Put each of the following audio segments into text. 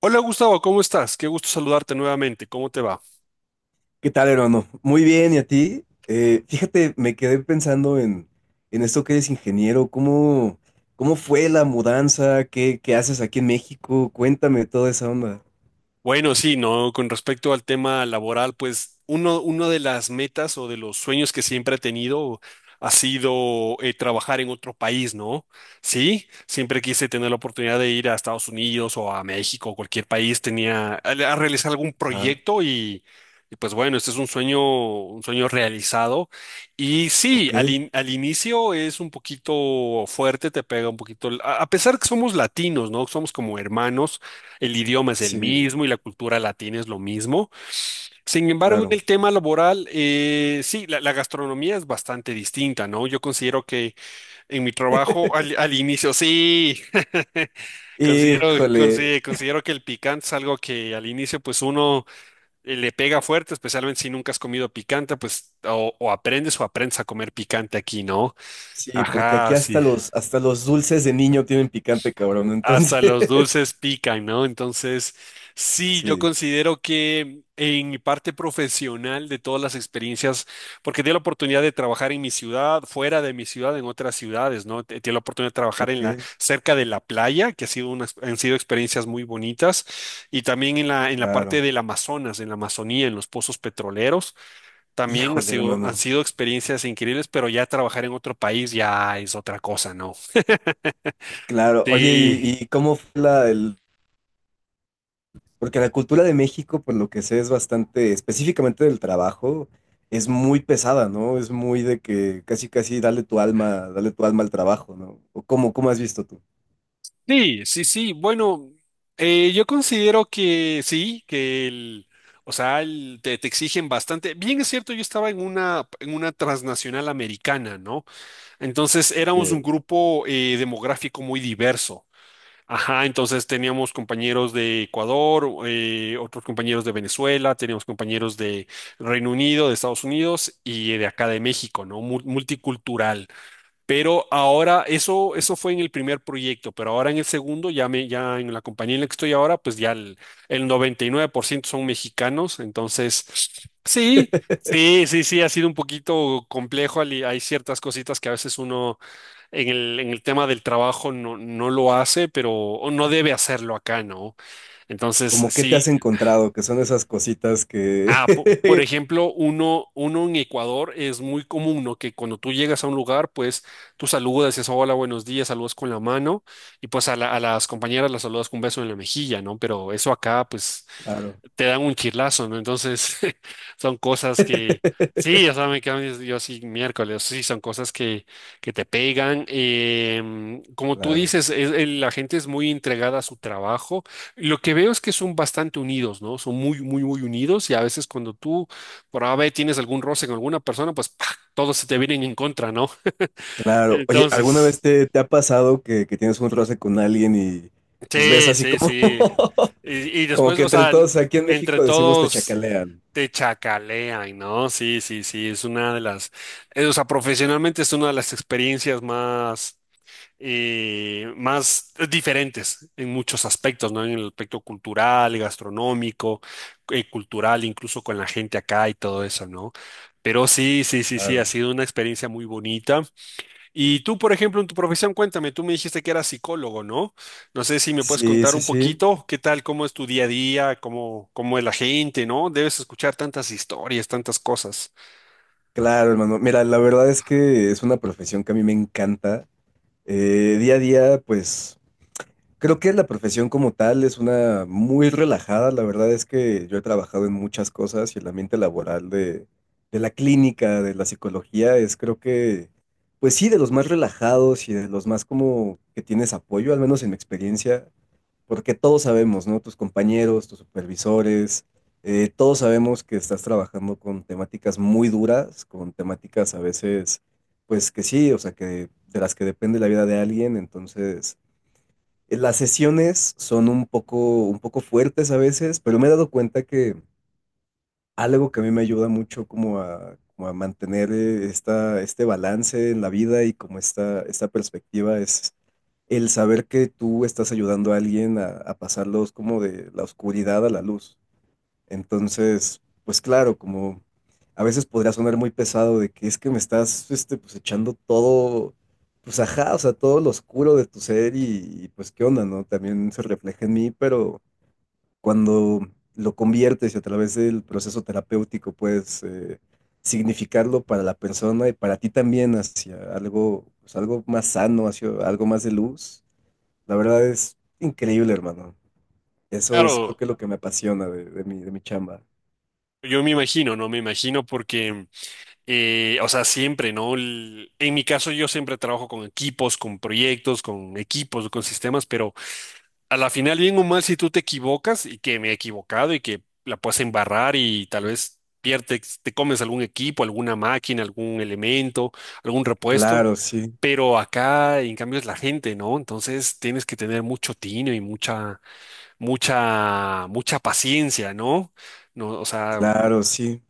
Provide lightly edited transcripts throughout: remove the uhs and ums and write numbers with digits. Hola Gustavo, ¿cómo estás? Qué gusto saludarte nuevamente. ¿Cómo te va? ¿Qué tal, hermano? Muy bien, ¿y a ti? Fíjate, me quedé pensando en esto que eres ingeniero, ¿cómo fue la mudanza? ¿Qué haces aquí en México? Cuéntame toda esa onda. Bueno, sí, no, con respecto al tema laboral, pues uno de las metas o de los sueños que siempre he tenido ha sido trabajar en otro país, ¿no? Sí, siempre quise tener la oportunidad de ir a Estados Unidos o a México o cualquier país, tenía a realizar algún Ah, proyecto y, pues bueno, este es un sueño realizado. Y sí, ok, al inicio es un poquito fuerte, te pega un poquito, a pesar que somos latinos, ¿no? Somos como hermanos. El idioma es el sí, mismo y la cultura latina es lo mismo. Sin embargo, en claro. el tema laboral, sí, la gastronomía es bastante distinta, ¿no? Yo considero que en mi trabajo al inicio, sí, considero, Híjole, consi- considero que el picante es algo que al inicio, pues uno le pega fuerte, especialmente si nunca has comido picante, pues o aprendes o aprendes a comer picante aquí, ¿no? sí, porque aquí Ajá, sí. Hasta los dulces de niño tienen picante, cabrón, entonces, Hasta los dulces pican, ¿no? Entonces, sí, yo sí, considero que en mi parte profesional de todas las experiencias, porque tuve la oportunidad de trabajar en mi ciudad, fuera de mi ciudad, en otras ciudades, ¿no? Tuve la oportunidad de trabajar ok, cerca de la playa, que ha sido han sido experiencias muy bonitas, y también en la claro. parte del Amazonas, en la Amazonía, en los pozos petroleros, también ha Híjole, sido, han hermano, sido experiencias increíbles, pero ya trabajar en otro país ya es otra cosa, ¿no? claro. Oye, Sí. ¿Y cómo fue Porque la cultura de México, por lo que sé, es bastante, específicamente del trabajo, es muy pesada, ¿no? Es muy de que casi, casi dale tu alma al trabajo, ¿no? ¿O cómo, cómo has visto tú? Sí, sí, sí. Bueno, yo considero que sí, que o sea, te exigen bastante. Bien es cierto, yo estaba en una transnacional americana, ¿no? Entonces éramos un Eh, grupo demográfico muy diverso. Ajá, entonces teníamos compañeros de Ecuador, otros compañeros de Venezuela, teníamos compañeros de Reino Unido, de Estados Unidos y de acá de México, ¿no? Multicultural. Pero ahora, eso fue en el primer proyecto, pero ahora en el segundo, ya, ya en la compañía en la que estoy ahora, pues ya el 99% son mexicanos. Entonces, sí, sí, sí, sí, ha sido un poquito complejo. Hay ciertas cositas que a veces uno en el tema del trabajo no lo hace, pero o no debe hacerlo acá, ¿no? Entonces, ¿Cómo qué te sí. has encontrado? Que son esas cositas Ah, por que... ejemplo, uno en Ecuador es muy común, ¿no? Que cuando tú llegas a un lugar, pues tú saludas, dices hola, buenos días, saludas con la mano y pues a las compañeras las saludas con un beso en la mejilla, ¿no? Pero eso acá, pues Claro, te dan un chirlazo, ¿no? Entonces, son cosas que, sí, o sea, me quedo yo sí miércoles, sí, son cosas que te pegan. Como tú claro, dices, la gente es muy entregada a su trabajo. Lo que veo es que son bastante unidos, ¿no? Son muy, muy, muy unidos y a veces cuando tú por A, B, tienes algún roce con alguna persona, pues ¡pah! Todos se te vienen en contra, ¿no? claro. Oye, Entonces. ¿Te ha pasado que tienes un roce con alguien y pues ves Sí, así sí, como... sí. Y como después, que o entre sea, todos aquí en entre México decimos te todos chacalean? te chacalean, ¿no? Sí, sí, sí, es una de las, o sea, profesionalmente es una de las experiencias más diferentes en muchos aspectos, ¿no? En el aspecto cultural, gastronómico, cultural, incluso con la gente acá y todo eso, ¿no? Pero sí, sí, sí, sí, ha Claro. sido una experiencia muy bonita. Y tú, por ejemplo, en tu profesión, cuéntame, tú me dijiste que eras psicólogo, ¿no? No sé si me puedes Sí, contar sí, un sí. poquito, qué tal, cómo es tu día a día, cómo es la gente, ¿no? Debes escuchar tantas historias, tantas cosas. Claro, hermano. Mira, la verdad es que es una profesión que a mí me encanta. Día a día, pues creo que la profesión como tal es una muy relajada. La verdad es que yo he trabajado en muchas cosas y el ambiente laboral de la clínica, de la psicología, es creo que, pues sí, de los más relajados y de los más como que tienes apoyo, al menos en mi experiencia. Porque todos sabemos, ¿no? Tus compañeros, tus supervisores, todos sabemos que estás trabajando con temáticas muy duras, con temáticas a veces, pues que sí, o sea, que de las que depende la vida de alguien. Entonces, las sesiones son un poco fuertes a veces, pero me he dado cuenta que algo que a mí me ayuda mucho como a mantener este balance en la vida y como esta perspectiva es el saber que tú estás ayudando a alguien a pasarlos como de la oscuridad a la luz. Entonces, pues claro, como a veces podría sonar muy pesado de que es que me estás este, pues echando todo, pues ajá, o sea, todo lo oscuro de tu ser y, pues qué onda, ¿no? También se refleja en mí, pero cuando lo conviertes y a través del proceso terapéutico puedes significarlo para la persona y para ti también hacia algo, pues algo más sano, hacia algo más de luz, la verdad es increíble, hermano. Eso es creo Claro, que lo que me apasiona de mi chamba. yo me imagino, ¿no? Me imagino porque, o sea, siempre, ¿no? En mi caso, yo siempre trabajo con equipos, con proyectos, con equipos, con sistemas, pero a la final, bien o mal, si tú te equivocas y que me he equivocado y que la puedes embarrar y tal vez pierdes, te comes algún equipo, alguna máquina, algún elemento, algún repuesto, Claro, sí, pero acá en cambio es la gente, ¿no? Entonces tienes que tener mucho tino y mucha, mucha, mucha paciencia, ¿no? No, o sea, claro, sí.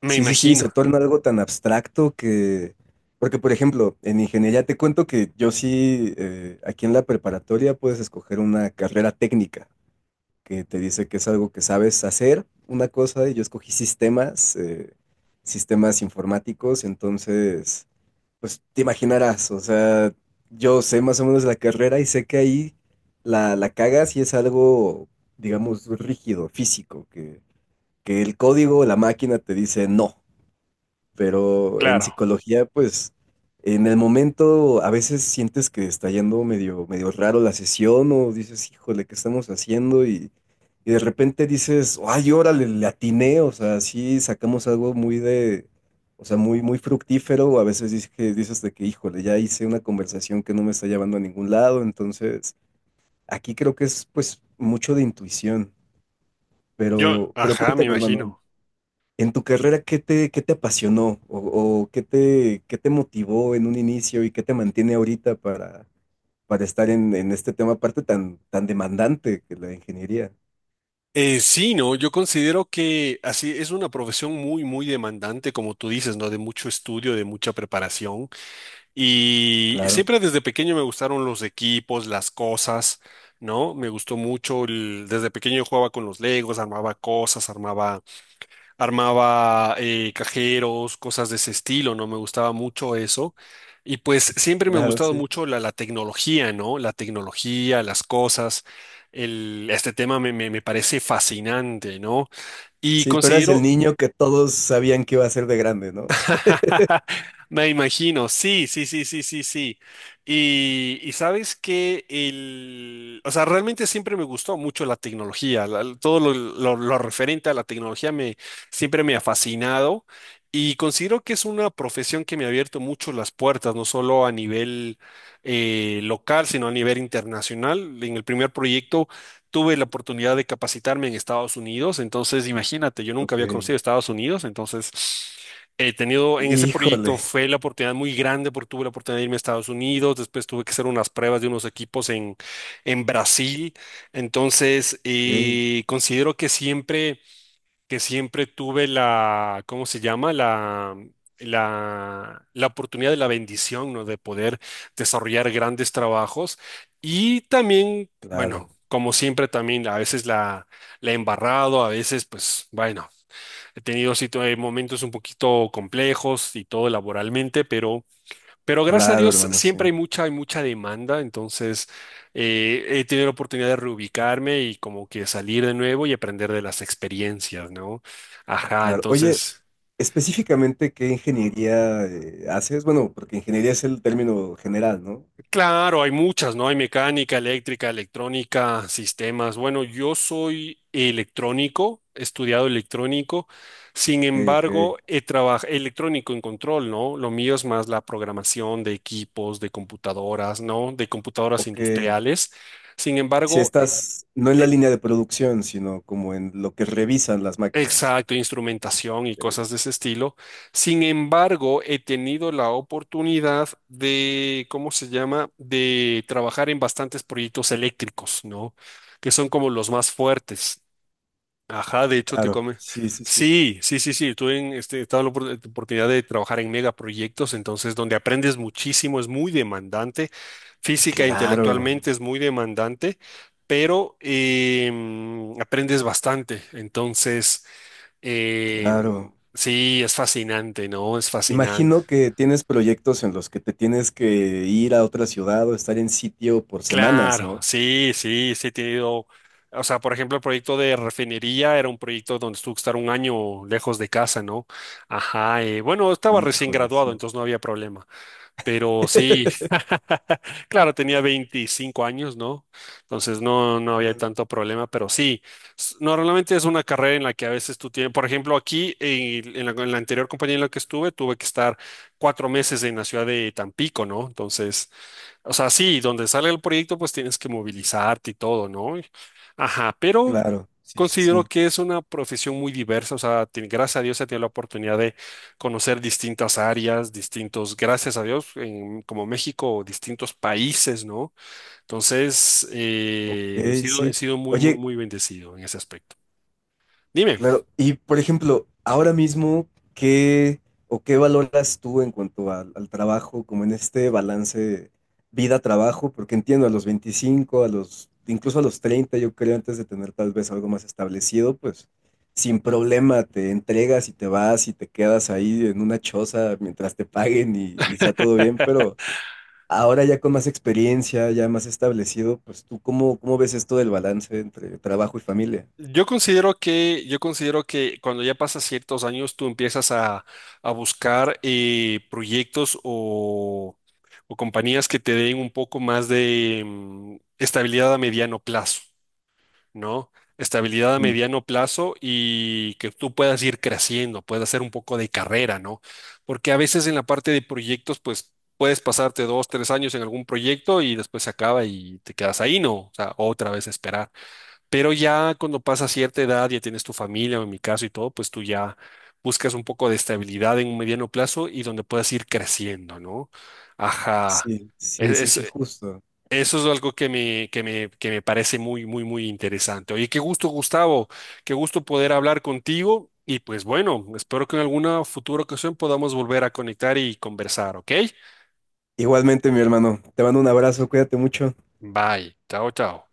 me Sí, sí, sí, se imagino. torna algo tan abstracto que... Porque, por ejemplo, en ingeniería te cuento que yo sí, aquí en la preparatoria puedes escoger una carrera técnica, que te dice que es algo que sabes hacer, una cosa, y yo escogí sistemas, sistemas informáticos, entonces, pues te imaginarás, o sea, yo sé más o menos la carrera y sé que ahí la cagas y es algo, digamos, rígido, físico, que el código, la máquina te dice no. Pero en Claro. psicología, pues, en el momento a veces sientes que está yendo medio, medio raro la sesión o dices, híjole, ¿qué estamos haciendo? Y de repente dices, ay, órale, le atiné, o sea, sí sacamos algo muy de, o sea, muy, muy fructífero, o a veces dices de que, híjole, ya hice una conversación que no me está llevando a ningún lado, entonces, aquí creo que es, pues, mucho de intuición, Yo, pero Ajá, me cuéntame, hermano, imagino. en tu carrera, ¿qué te apasionó qué te motivó en un inicio y qué te mantiene ahorita para estar en este tema, aparte tan, tan demandante que la ingeniería? Sí, no, yo considero que así es una profesión muy, muy demandante, como tú dices, ¿no? De mucho estudio, de mucha preparación. Y Claro, siempre desde pequeño me gustaron los equipos, las cosas, ¿no? Me gustó mucho, desde pequeño yo jugaba con los Legos, armaba cosas, armaba, armaba cajeros, cosas de ese estilo, ¿no? Me gustaba mucho eso. Y pues siempre me ha claro, gustado sí. mucho la tecnología, ¿no? La tecnología, las cosas. Este tema me parece fascinante, ¿no? Y Sí, tú eras el considero. niño que todos sabían que iba a ser de grande, ¿no? Me imagino, sí, sí, sí, sí, sí, sí. Y sabes que o sea, realmente siempre me gustó mucho la tecnología, todo lo referente a la tecnología siempre me ha fascinado y considero que es una profesión que me ha abierto mucho las puertas, no solo a nivel local, sino a nivel internacional. En el primer proyecto tuve la oportunidad de capacitarme en Estados Unidos, entonces imagínate, yo nunca Ok. había conocido Estados Unidos, entonces. He tenido en ese Híjole, proyecto fue la oportunidad muy grande porque tuve la oportunidad de irme a Estados Unidos, después tuve que hacer unas pruebas de unos equipos en Brasil, entonces ok. Considero que siempre, tuve la, ¿cómo se llama? La oportunidad de la bendición, ¿no? De poder desarrollar grandes trabajos y también, Claro, bueno, como siempre también a veces la he embarrado, a veces pues bueno. He tenido momentos un poquito complejos y todo laboralmente, pero gracias a claro, Dios hermano, sí. siempre hay mucha demanda, entonces he tenido la oportunidad de reubicarme y como que salir de nuevo y aprender de las experiencias, ¿no? Ajá, Claro. Oye, entonces. específicamente, ¿qué ingeniería haces? Bueno, porque ingeniería es el término general, ¿no? Claro, hay muchas, ¿no? Hay mecánica, eléctrica, electrónica, sistemas. Bueno, yo soy electrónico, he estudiado electrónico, sin Ok, ok. embargo, he trabajado electrónico en control, ¿no? Lo mío es más la programación de equipos, de computadoras, ¿no? De computadoras Ok, industriales. Sin si embargo, e-, estás no en la línea de producción, sino como en lo que revisan las máquinas. exacto, instrumentación y Eh, cosas de ese estilo. Sin embargo, he tenido la oportunidad de, ¿cómo se llama?, de trabajar en bastantes proyectos eléctricos, ¿no? Que son como los más fuertes. Ajá, de hecho te Claro, come. sí, sí, sí. Sí, sí, sí, sí. He tenido la oportunidad de trabajar en megaproyectos, entonces donde aprendes muchísimo, es muy demandante. Física e Claro, hermano, intelectualmente es muy demandante, pero aprendes bastante. Entonces. claro. Sí, es fascinante, ¿no? Es fascinante. Imagino que tienes proyectos en los que te tienes que ir a otra ciudad o estar en sitio por semanas, Claro, ¿no? sí, sí, sí he tenido, o sea, por ejemplo, el proyecto de refinería era un proyecto donde tuve que estar un año lejos de casa, ¿no? Ajá, bueno, estaba recién Híjole, graduado, sí. entonces no había problema. Pero sí, claro, tenía 25 años, ¿no? Entonces no, no había Mm, tanto problema, pero sí, normalmente es una carrera en la que a veces tú tienes, por ejemplo, aquí en la anterior compañía en la que estuve, tuve que estar 4 meses en la ciudad de Tampico, ¿no? Entonces, o sea, sí, donde sale el proyecto, pues tienes que movilizarte y todo, ¿no? Ajá, pero claro, sí, sí, considero sí. que es una profesión muy diversa, o sea, gracias a Dios he tenido la oportunidad de conocer distintas áreas, distintos, gracias a Dios, como México, distintos países, ¿no? Entonces, Ok, he sido, he sí. sido muy, muy, Oye, muy bendecido en ese aspecto. Dime. claro, y por ejemplo, ahora mismo, ¿qué o qué valoras tú en cuanto al trabajo, como en este balance vida-trabajo? Porque entiendo, a los 25, incluso a los 30, yo creo, antes de tener tal vez algo más establecido, pues sin problema te entregas y te vas y te quedas ahí en una choza mientras te paguen y sea todo bien, pero ahora ya con más experiencia, ya más establecido, pues tú, ¿cómo, cómo ves esto del balance entre trabajo y familia? Yo considero que cuando ya pasas ciertos años, tú empiezas a buscar proyectos o compañías que te den un poco más de estabilidad a mediano plazo, ¿no? Estabilidad a mediano plazo y que tú puedas ir creciendo, puedas hacer un poco de carrera, ¿no? Porque a veces en la parte de proyectos, pues puedes pasarte 2, 3 años en algún proyecto y después se acaba y te quedas ahí, ¿no? O sea, otra vez esperar. Pero ya cuando pasa cierta edad, ya tienes tu familia, o en mi caso y todo, pues tú ya buscas un poco de estabilidad en un mediano plazo y donde puedas ir creciendo, ¿no? Ajá. Sí, Es- sí, sí, es- sí, e-, justo. eso es algo que que me parece muy, muy, muy interesante. Oye, qué gusto, Gustavo. Qué gusto poder hablar contigo. Y pues bueno, espero que en alguna futura ocasión podamos volver a conectar y conversar, ¿ok? Igualmente, mi hermano. Te mando un abrazo, cuídate mucho. Bye. Chao, chao.